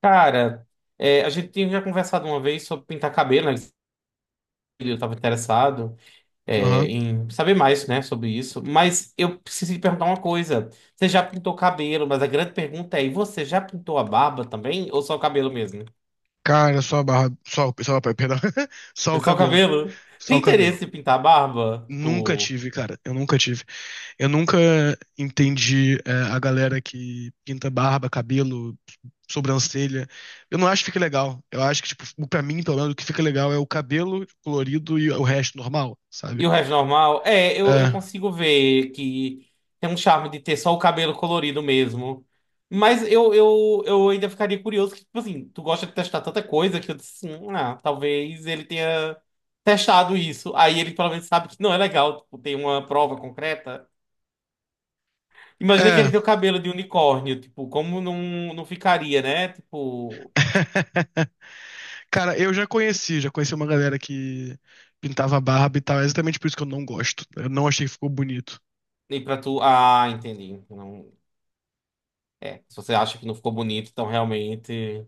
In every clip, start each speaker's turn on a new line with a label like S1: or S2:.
S1: Cara, a gente tinha já conversado uma vez sobre pintar cabelo, né? Eu estava interessado,
S2: Aham.
S1: em saber mais, né, sobre isso. Mas eu preciso te perguntar uma coisa. Você já pintou cabelo, mas a grande pergunta é, e você já pintou a barba também? Ou só o cabelo mesmo?
S2: Cara, só a barba. Perdão. Só o
S1: É só o
S2: cabelo.
S1: cabelo?
S2: Só
S1: Tem
S2: o cabelo.
S1: interesse em pintar a barba?
S2: Nunca
S1: Tipo,
S2: tive, cara. Eu nunca tive. Eu nunca entendi a galera que pinta barba, cabelo, sobrancelha. Eu não acho que fica legal. Eu acho que, tipo, pra mim, pelo menos, o que fica legal é o cabelo colorido e o resto normal, sabe?
S1: e o resto normal? É, eu
S2: É.
S1: consigo ver que tem um charme de ter só o cabelo colorido mesmo. Mas eu ainda ficaria curioso que, tipo assim, tu gosta de testar tanta coisa que eu disse, assim, ah, talvez ele tenha testado isso. Aí ele pelo menos sabe que não é legal, tipo, tem uma prova concreta. Imagina que ele
S2: É.
S1: tem o cabelo de unicórnio, tipo, como não ficaria, né?" Tipo,
S2: Cara, eu já conheci uma galera que pintava barba e tal. É exatamente por isso que eu não gosto. Eu não achei que ficou bonito.
S1: nem pra tu. Ah, entendi. Não, se você acha que não ficou bonito, então realmente.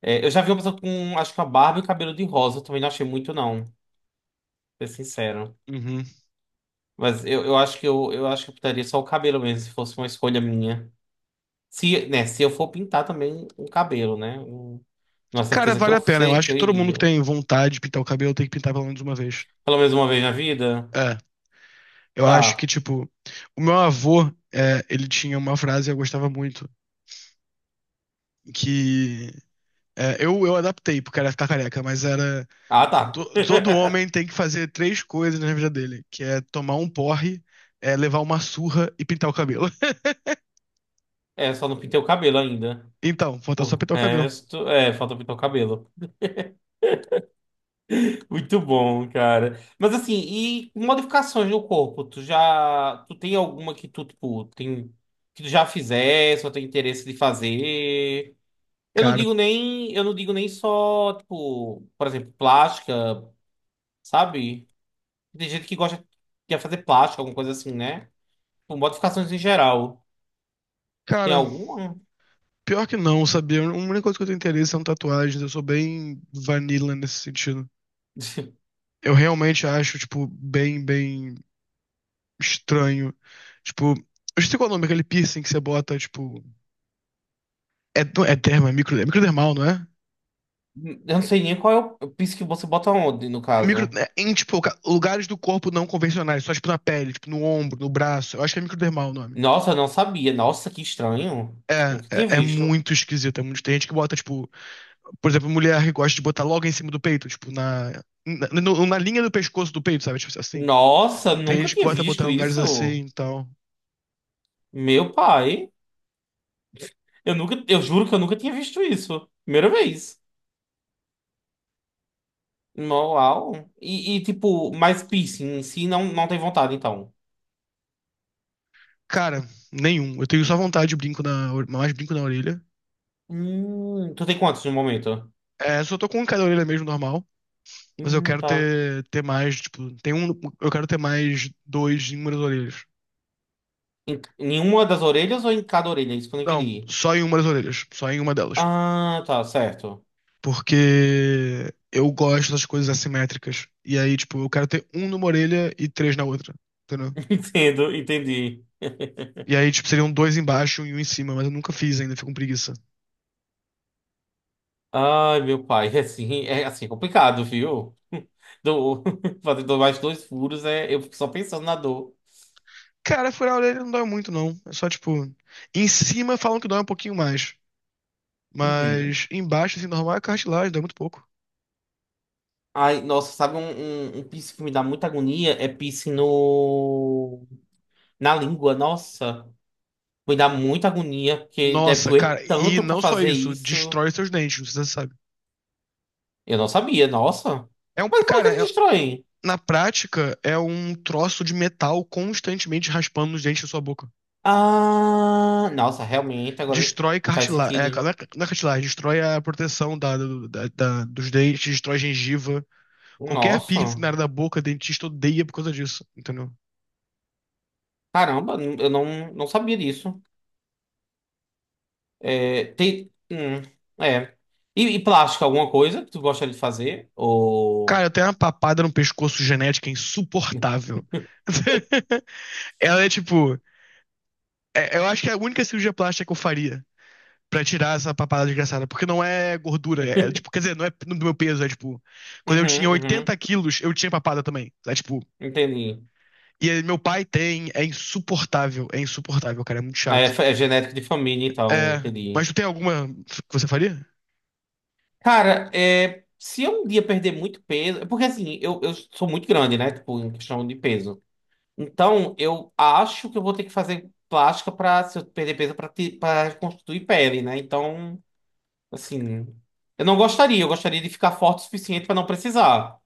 S1: É, eu já vi uma pessoa com, acho que uma barba e um cabelo de rosa. Eu também não achei muito, não, pra ser sincero.
S2: Uhum.
S1: Mas eu acho que eu pintaria só o cabelo mesmo, se fosse uma escolha minha. Se eu for pintar também o cabelo, né? Uma
S2: Cara,
S1: certeza que
S2: vale
S1: eu
S2: a pena. Eu
S1: sei
S2: acho
S1: que
S2: que
S1: eu
S2: todo mundo que
S1: iria.
S2: tem vontade de pintar o cabelo tem que pintar pelo menos uma vez.
S1: Pelo menos uma vez na vida?
S2: É. Eu acho que,
S1: Tá.
S2: tipo, o meu avô, ele tinha uma frase que eu gostava muito, que eu adaptei, porque era ficar careca, mas era
S1: Ah, tá.
S2: todo homem tem que fazer três coisas na vida dele, que é tomar um porre, levar uma surra e pintar o cabelo.
S1: É, só não pintei o cabelo ainda.
S2: Então, falta
S1: O
S2: só pintar o cabelo.
S1: resto, falta pintar o cabelo. Muito bom, cara. Mas assim, e modificações no corpo? Tu já. Tu tem alguma que tu, tipo, tem. Que tu já fizesse ou tem interesse de fazer? Eu não
S2: Cara,
S1: digo nem. Eu não digo nem só, tipo, por exemplo, plástica, sabe? Tem gente que gosta de fazer plástica, alguma coisa assim, né? Tipo, modificações em geral. Tem
S2: cara,
S1: alguma?
S2: pior que não, sabia? A única coisa que eu tenho interesse são tatuagens, eu sou bem vanilla nesse sentido. Eu realmente acho, tipo, bem, bem estranho. Tipo, eu sei qual é o nome, aquele piercing que você bota, tipo. É, não é derma, é microdermal, não é?
S1: Eu não sei nem qual é o piso que você bota onde, no
S2: É micro,
S1: caso.
S2: é em, tipo, lugares do corpo não convencionais, só, tipo, na pele, tipo, no ombro, no braço. Eu acho que é microdermal o nome.
S1: Nossa, eu não sabia. Nossa, que estranho.
S2: É,
S1: Nunca tinha
S2: é
S1: visto.
S2: muito esquisito. É muito, tem gente que bota, tipo, por exemplo, mulher que gosta de botar logo em cima do peito, tipo, na, na linha do pescoço do peito, sabe? Tipo assim.
S1: Nossa,
S2: Tem
S1: nunca
S2: gente que
S1: tinha
S2: gosta de botar em
S1: visto
S2: lugares assim,
S1: isso.
S2: então.
S1: Meu pai. Eu juro que eu nunca tinha visto isso. Primeira vez. Uau. E, tipo, mas piercing em si não tem vontade, então.
S2: Cara, nenhum. Eu tenho só vontade de brinco mais brinco na orelha.
S1: Tu tem quantos no momento?
S2: É, só tô com um em cada orelha mesmo normal, mas eu quero
S1: Tá.
S2: ter mais, tipo, tem um, eu quero ter mais dois em uma das orelhas.
S1: Em nenhuma das orelhas ou em cada orelha? Isso que eu não
S2: Não,
S1: entendi.
S2: só em uma das orelhas, só em uma delas.
S1: Ah, tá, certo.
S2: Porque eu gosto das coisas assimétricas. E aí, tipo, eu quero ter um numa orelha e três na outra. Entendeu?
S1: Entendo, entendi.
S2: E aí, tipo, seriam dois embaixo e um em cima, mas eu nunca fiz ainda, fico com preguiça.
S1: Ai, meu pai, é assim, é assim, é complicado, viu? Do, fazer mais dois furos, eu fico só pensando na dor.
S2: Cara, furar a orelha não dói muito, não. É só, tipo, em cima falam que dói um pouquinho mais.
S1: Uhum.
S2: Mas embaixo, assim, normal é cartilagem, dói muito pouco.
S1: Ai, nossa, sabe um piercing que me dá muita agonia? É piercing no... na língua, nossa. Me dá muita agonia, porque deve
S2: Nossa,
S1: doer
S2: cara, e
S1: tanto pra
S2: não só
S1: fazer
S2: isso,
S1: isso.
S2: destrói seus dentes, não sei se você sabe.
S1: Eu não sabia, nossa.
S2: É um,
S1: Mas como é que
S2: cara,
S1: ele destrói?
S2: na prática, é um troço de metal constantemente raspando os dentes da sua boca.
S1: Ah, nossa, realmente, agora
S2: Destrói
S1: faz
S2: cartilagem. É,
S1: sentido.
S2: não é cartilagem, destrói a proteção da, dos dentes, destrói gengiva. Qualquer piercing
S1: Nossa,
S2: na área da boca, dentista odeia por causa disso, entendeu?
S1: caramba, eu não sabia disso. É, tem, é. E plástico, alguma coisa que tu gostaria de fazer? Ou.
S2: Cara, eu tenho uma papada no pescoço genética insuportável. Ela é tipo. Eu acho que é a única cirurgia plástica que eu faria pra tirar essa papada desgraçada. Porque não é gordura. É, é, tipo, quer dizer, não é do meu peso. É tipo. Quando eu
S1: Uhum,
S2: tinha
S1: uhum,
S2: 80 quilos, eu tinha papada também. É tipo.
S1: entendi.
S2: E aí, meu pai tem. É insuportável. É insuportável, cara. É muito
S1: É,
S2: chato.
S1: é genético de família, então,
S2: É,
S1: entendi.
S2: mas tu tem alguma que você faria?
S1: Cara, se eu um dia perder muito peso. Porque assim, eu sou muito grande, né? Tipo, em questão de peso. Então, eu acho que eu vou ter que fazer plástica pra, se eu perder peso, pra reconstituir pele, né? Então, assim. Eu não gostaria, eu gostaria de ficar forte o suficiente pra não precisar.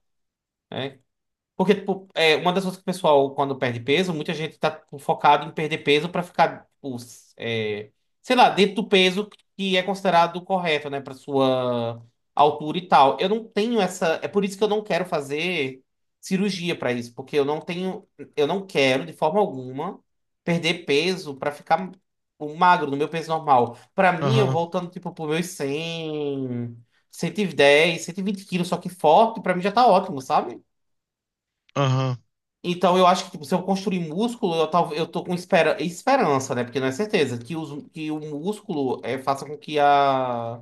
S1: Porque, tipo, uma das coisas que o pessoal, quando perde peso, muita gente tá tipo, focado em perder peso pra ficar, tipo, sei lá, dentro do peso que é considerado correto, né, pra sua altura e tal. Eu não tenho essa. É por isso que eu não quero fazer cirurgia pra isso, porque eu não tenho. Eu não quero, de forma alguma, perder peso pra ficar tipo, magro, no meu peso normal. Pra mim, eu
S2: Aham,
S1: voltando, tipo, pro meus 100, 110, 120 quilos, só que forte, pra mim já tá ótimo, sabe?
S2: aham.
S1: Então, eu acho que tipo, se eu construir músculo, eu tô com esperança, né? Porque não é certeza que o músculo faça com que a,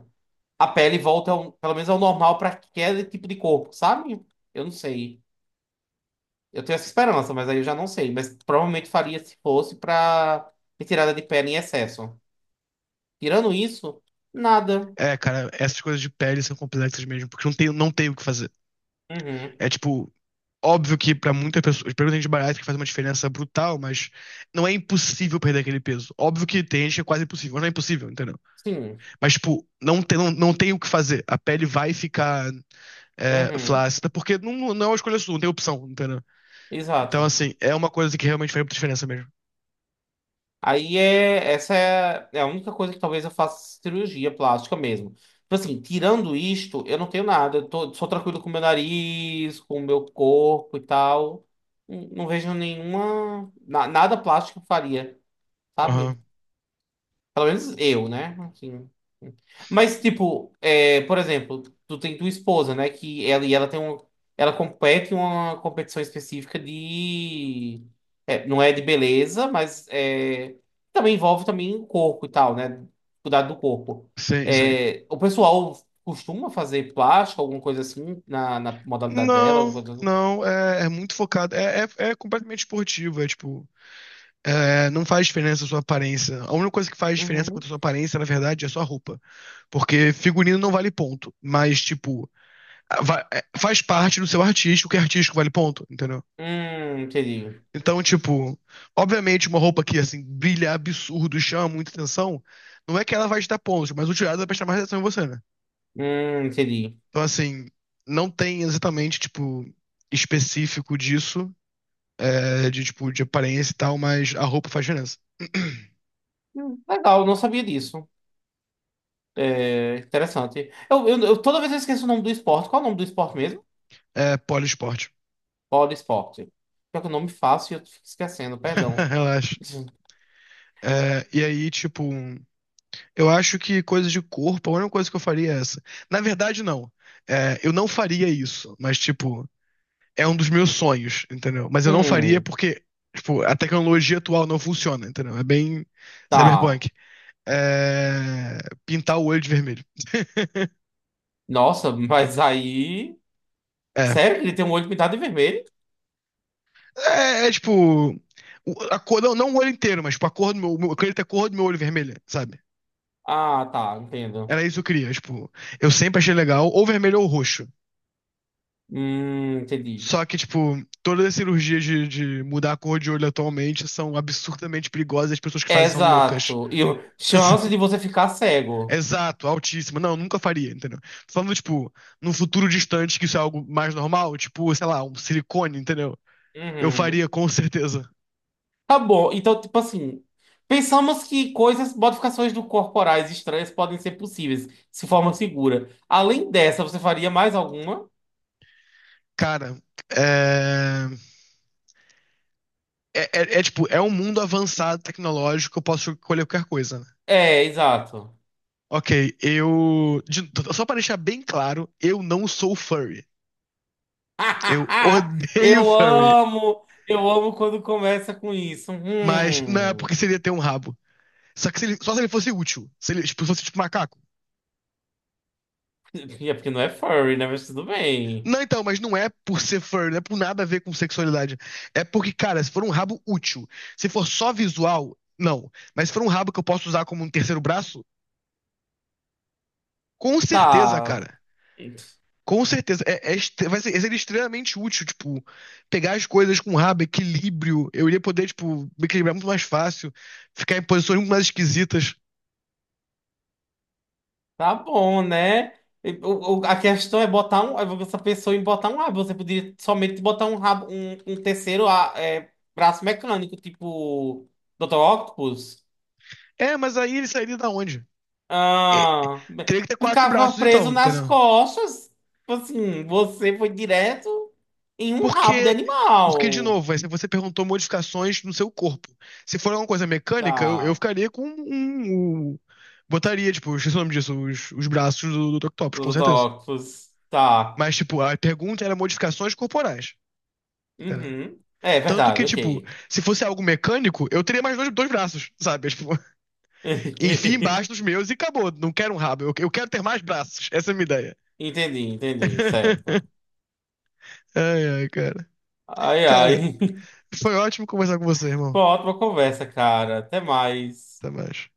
S1: a pele volte, ao, pelo menos, ao normal para aquele tipo de corpo, sabe? Eu não sei. Eu tenho essa esperança, mas aí eu já não sei. Mas provavelmente faria se fosse para retirada de pele em excesso. Tirando isso, nada.
S2: É, cara, essas coisas de pele são complexas mesmo, porque não tem o que fazer.
S1: Uhum.
S2: É tipo, óbvio que pra muitas pessoas, pra muita gente bariátrica faz uma diferença brutal, mas não é impossível perder aquele peso. Óbvio que tem gente que é quase impossível, mas não é impossível, entendeu?
S1: Sim.
S2: Mas, tipo, não tem o que fazer. A pele vai ficar.
S1: Uhum.
S2: Flácida, porque não é uma escolha sua, não tem opção, entendeu? Então,
S1: Exato.
S2: assim, é uma coisa que realmente faz muita diferença mesmo.
S1: Aí, essa é a única coisa que talvez eu faça cirurgia plástica mesmo. Tipo assim, tirando isto, eu não tenho nada. Eu sou tranquilo com o meu nariz, com o meu corpo e tal. Não, não vejo nenhuma. Nada plástico eu faria, sabe?
S2: Aham.
S1: Pelo menos eu, né? Assim. Mas, tipo, por exemplo, tu tem tua esposa, né? Que ela tem um. Ela compete em uma competição específica de. Não é de beleza, mas também envolve também o corpo e tal, né? Cuidado do corpo.
S2: Sim, sim.
S1: É, o pessoal costuma fazer plástico, alguma coisa assim, na modalidade dela,
S2: Não,
S1: alguma coisa.
S2: não, é, é muito focado. É completamente esportivo, é tipo. Não faz diferença a sua aparência. A única coisa que faz diferença
S1: Uhum.
S2: quanto a sua aparência, na verdade, é a sua roupa. Porque figurino não vale ponto. Mas, tipo, faz parte do seu artístico, que artístico vale ponto, entendeu?
S1: Entendi.
S2: Então, tipo, obviamente uma roupa que, assim, brilha absurdo, chama muita atenção, não é que ela vai te dar pontos, mas o tirado vai prestar mais atenção em você, né?
S1: Entendi.
S2: Então, assim, não tem exatamente, tipo, específico disso, de, tipo, de aparência e tal, mas a roupa faz diferença.
S1: Legal, não sabia disso. É, interessante. Toda vez eu esqueço o nome do esporte. Qual é o nome do esporte mesmo?
S2: É poliesporte.
S1: Bola esporte. Pior que o nome fácil e eu fico esquecendo, perdão.
S2: Relaxa. É, e aí, tipo, eu acho que coisa de corpo, a única coisa que eu faria é essa. Na verdade, não. É, eu não faria isso, mas, tipo, é um dos meus sonhos, entendeu? Mas eu não faria
S1: Hum,
S2: porque, tipo, a tecnologia atual não funciona, entendeu? É bem
S1: tá.
S2: cyberpunk. É... Pintar o olho de vermelho.
S1: Nossa, mas aí.
S2: É.
S1: Sério que ele tem um olho pintado de vermelho?
S2: É, é, tipo. A cor, não, não o olho inteiro, mas tipo, a cor do meu. Eu queria ter a cor do meu olho vermelha, sabe?
S1: Ah, tá, entendo.
S2: Era isso que eu queria, tipo. Eu sempre achei legal, ou vermelho ou roxo.
S1: Entendi.
S2: Só que, tipo, todas as cirurgias de mudar a cor de olho atualmente são absurdamente perigosas e as pessoas que fazem são loucas.
S1: Exato. E chance de você ficar cego.
S2: Exato, altíssimo. Não, nunca faria, entendeu? Tô falando, tipo, num futuro distante que isso é algo mais normal, tipo, sei lá, um silicone, entendeu? Eu
S1: Uhum.
S2: faria com certeza.
S1: Tá bom, então, tipo assim, pensamos que coisas, modificações do corporais estranhas podem ser possíveis, se forma segura. Além dessa, você faria mais alguma?
S2: Cara, é... É, tipo, é um mundo avançado tecnológico, eu posso escolher qualquer coisa, né?
S1: É, exato.
S2: Ok, Só pra deixar bem claro, eu não sou furry. Eu odeio furry.
S1: Eu amo quando começa com isso.
S2: Mas não é
S1: Hum.
S2: porque seria ter um rabo. Só que se ele- só se ele fosse útil. Se ele tipo, fosse tipo macaco.
S1: É porque não é furry, né? Mas tudo bem.
S2: Não, então, mas não é por ser fur, não é por nada a ver com sexualidade. É porque, cara, se for um rabo útil, se for só visual, não. Mas se for um rabo que eu posso usar como um terceiro braço, com certeza,
S1: Tá.
S2: cara. Com certeza. Vai ser extremamente útil, tipo, pegar as coisas com rabo, equilíbrio. Eu iria poder, tipo, me equilibrar muito mais fácil, ficar em posições muito mais esquisitas.
S1: Tá bom, né? E a questão é botar um, essa pessoa em botar um rabo. Você poderia somente botar um rabo, um terceiro braço mecânico, tipo Dr. Octopus.
S2: É, mas aí ele sairia da onde? É,
S1: Ah,
S2: teria que ter quatro
S1: ficava
S2: braços,
S1: preso
S2: então,
S1: nas
S2: entendeu?
S1: costas. Tipo assim, você foi direto em um rabo de
S2: Porque, porque de novo,
S1: animal.
S2: você perguntou modificações no seu corpo. Se for alguma coisa mecânica, eu
S1: Tá,
S2: ficaria com um, um- Botaria, tipo, esqueci o nome disso, os braços do Octopus,
S1: o
S2: com
S1: Dr.
S2: certeza.
S1: Octopus. Tá.
S2: Mas, tipo, a pergunta era modificações corporais. Entendeu?
S1: Uhum. É
S2: Tanto que,
S1: verdade,
S2: tipo,
S1: ok.
S2: se fosse algo mecânico, eu teria mais dois braços, sabe? Tipo, enfia embaixo dos meus e acabou. Não quero um rabo, eu quero ter mais braços. Essa é a minha ideia.
S1: Entendi, entendi, certo.
S2: Ai, ai, cara.
S1: Ai,
S2: Cara,
S1: ai.
S2: foi ótimo conversar com você, irmão.
S1: Foi uma ótima conversa, cara. Até mais.
S2: Até mais.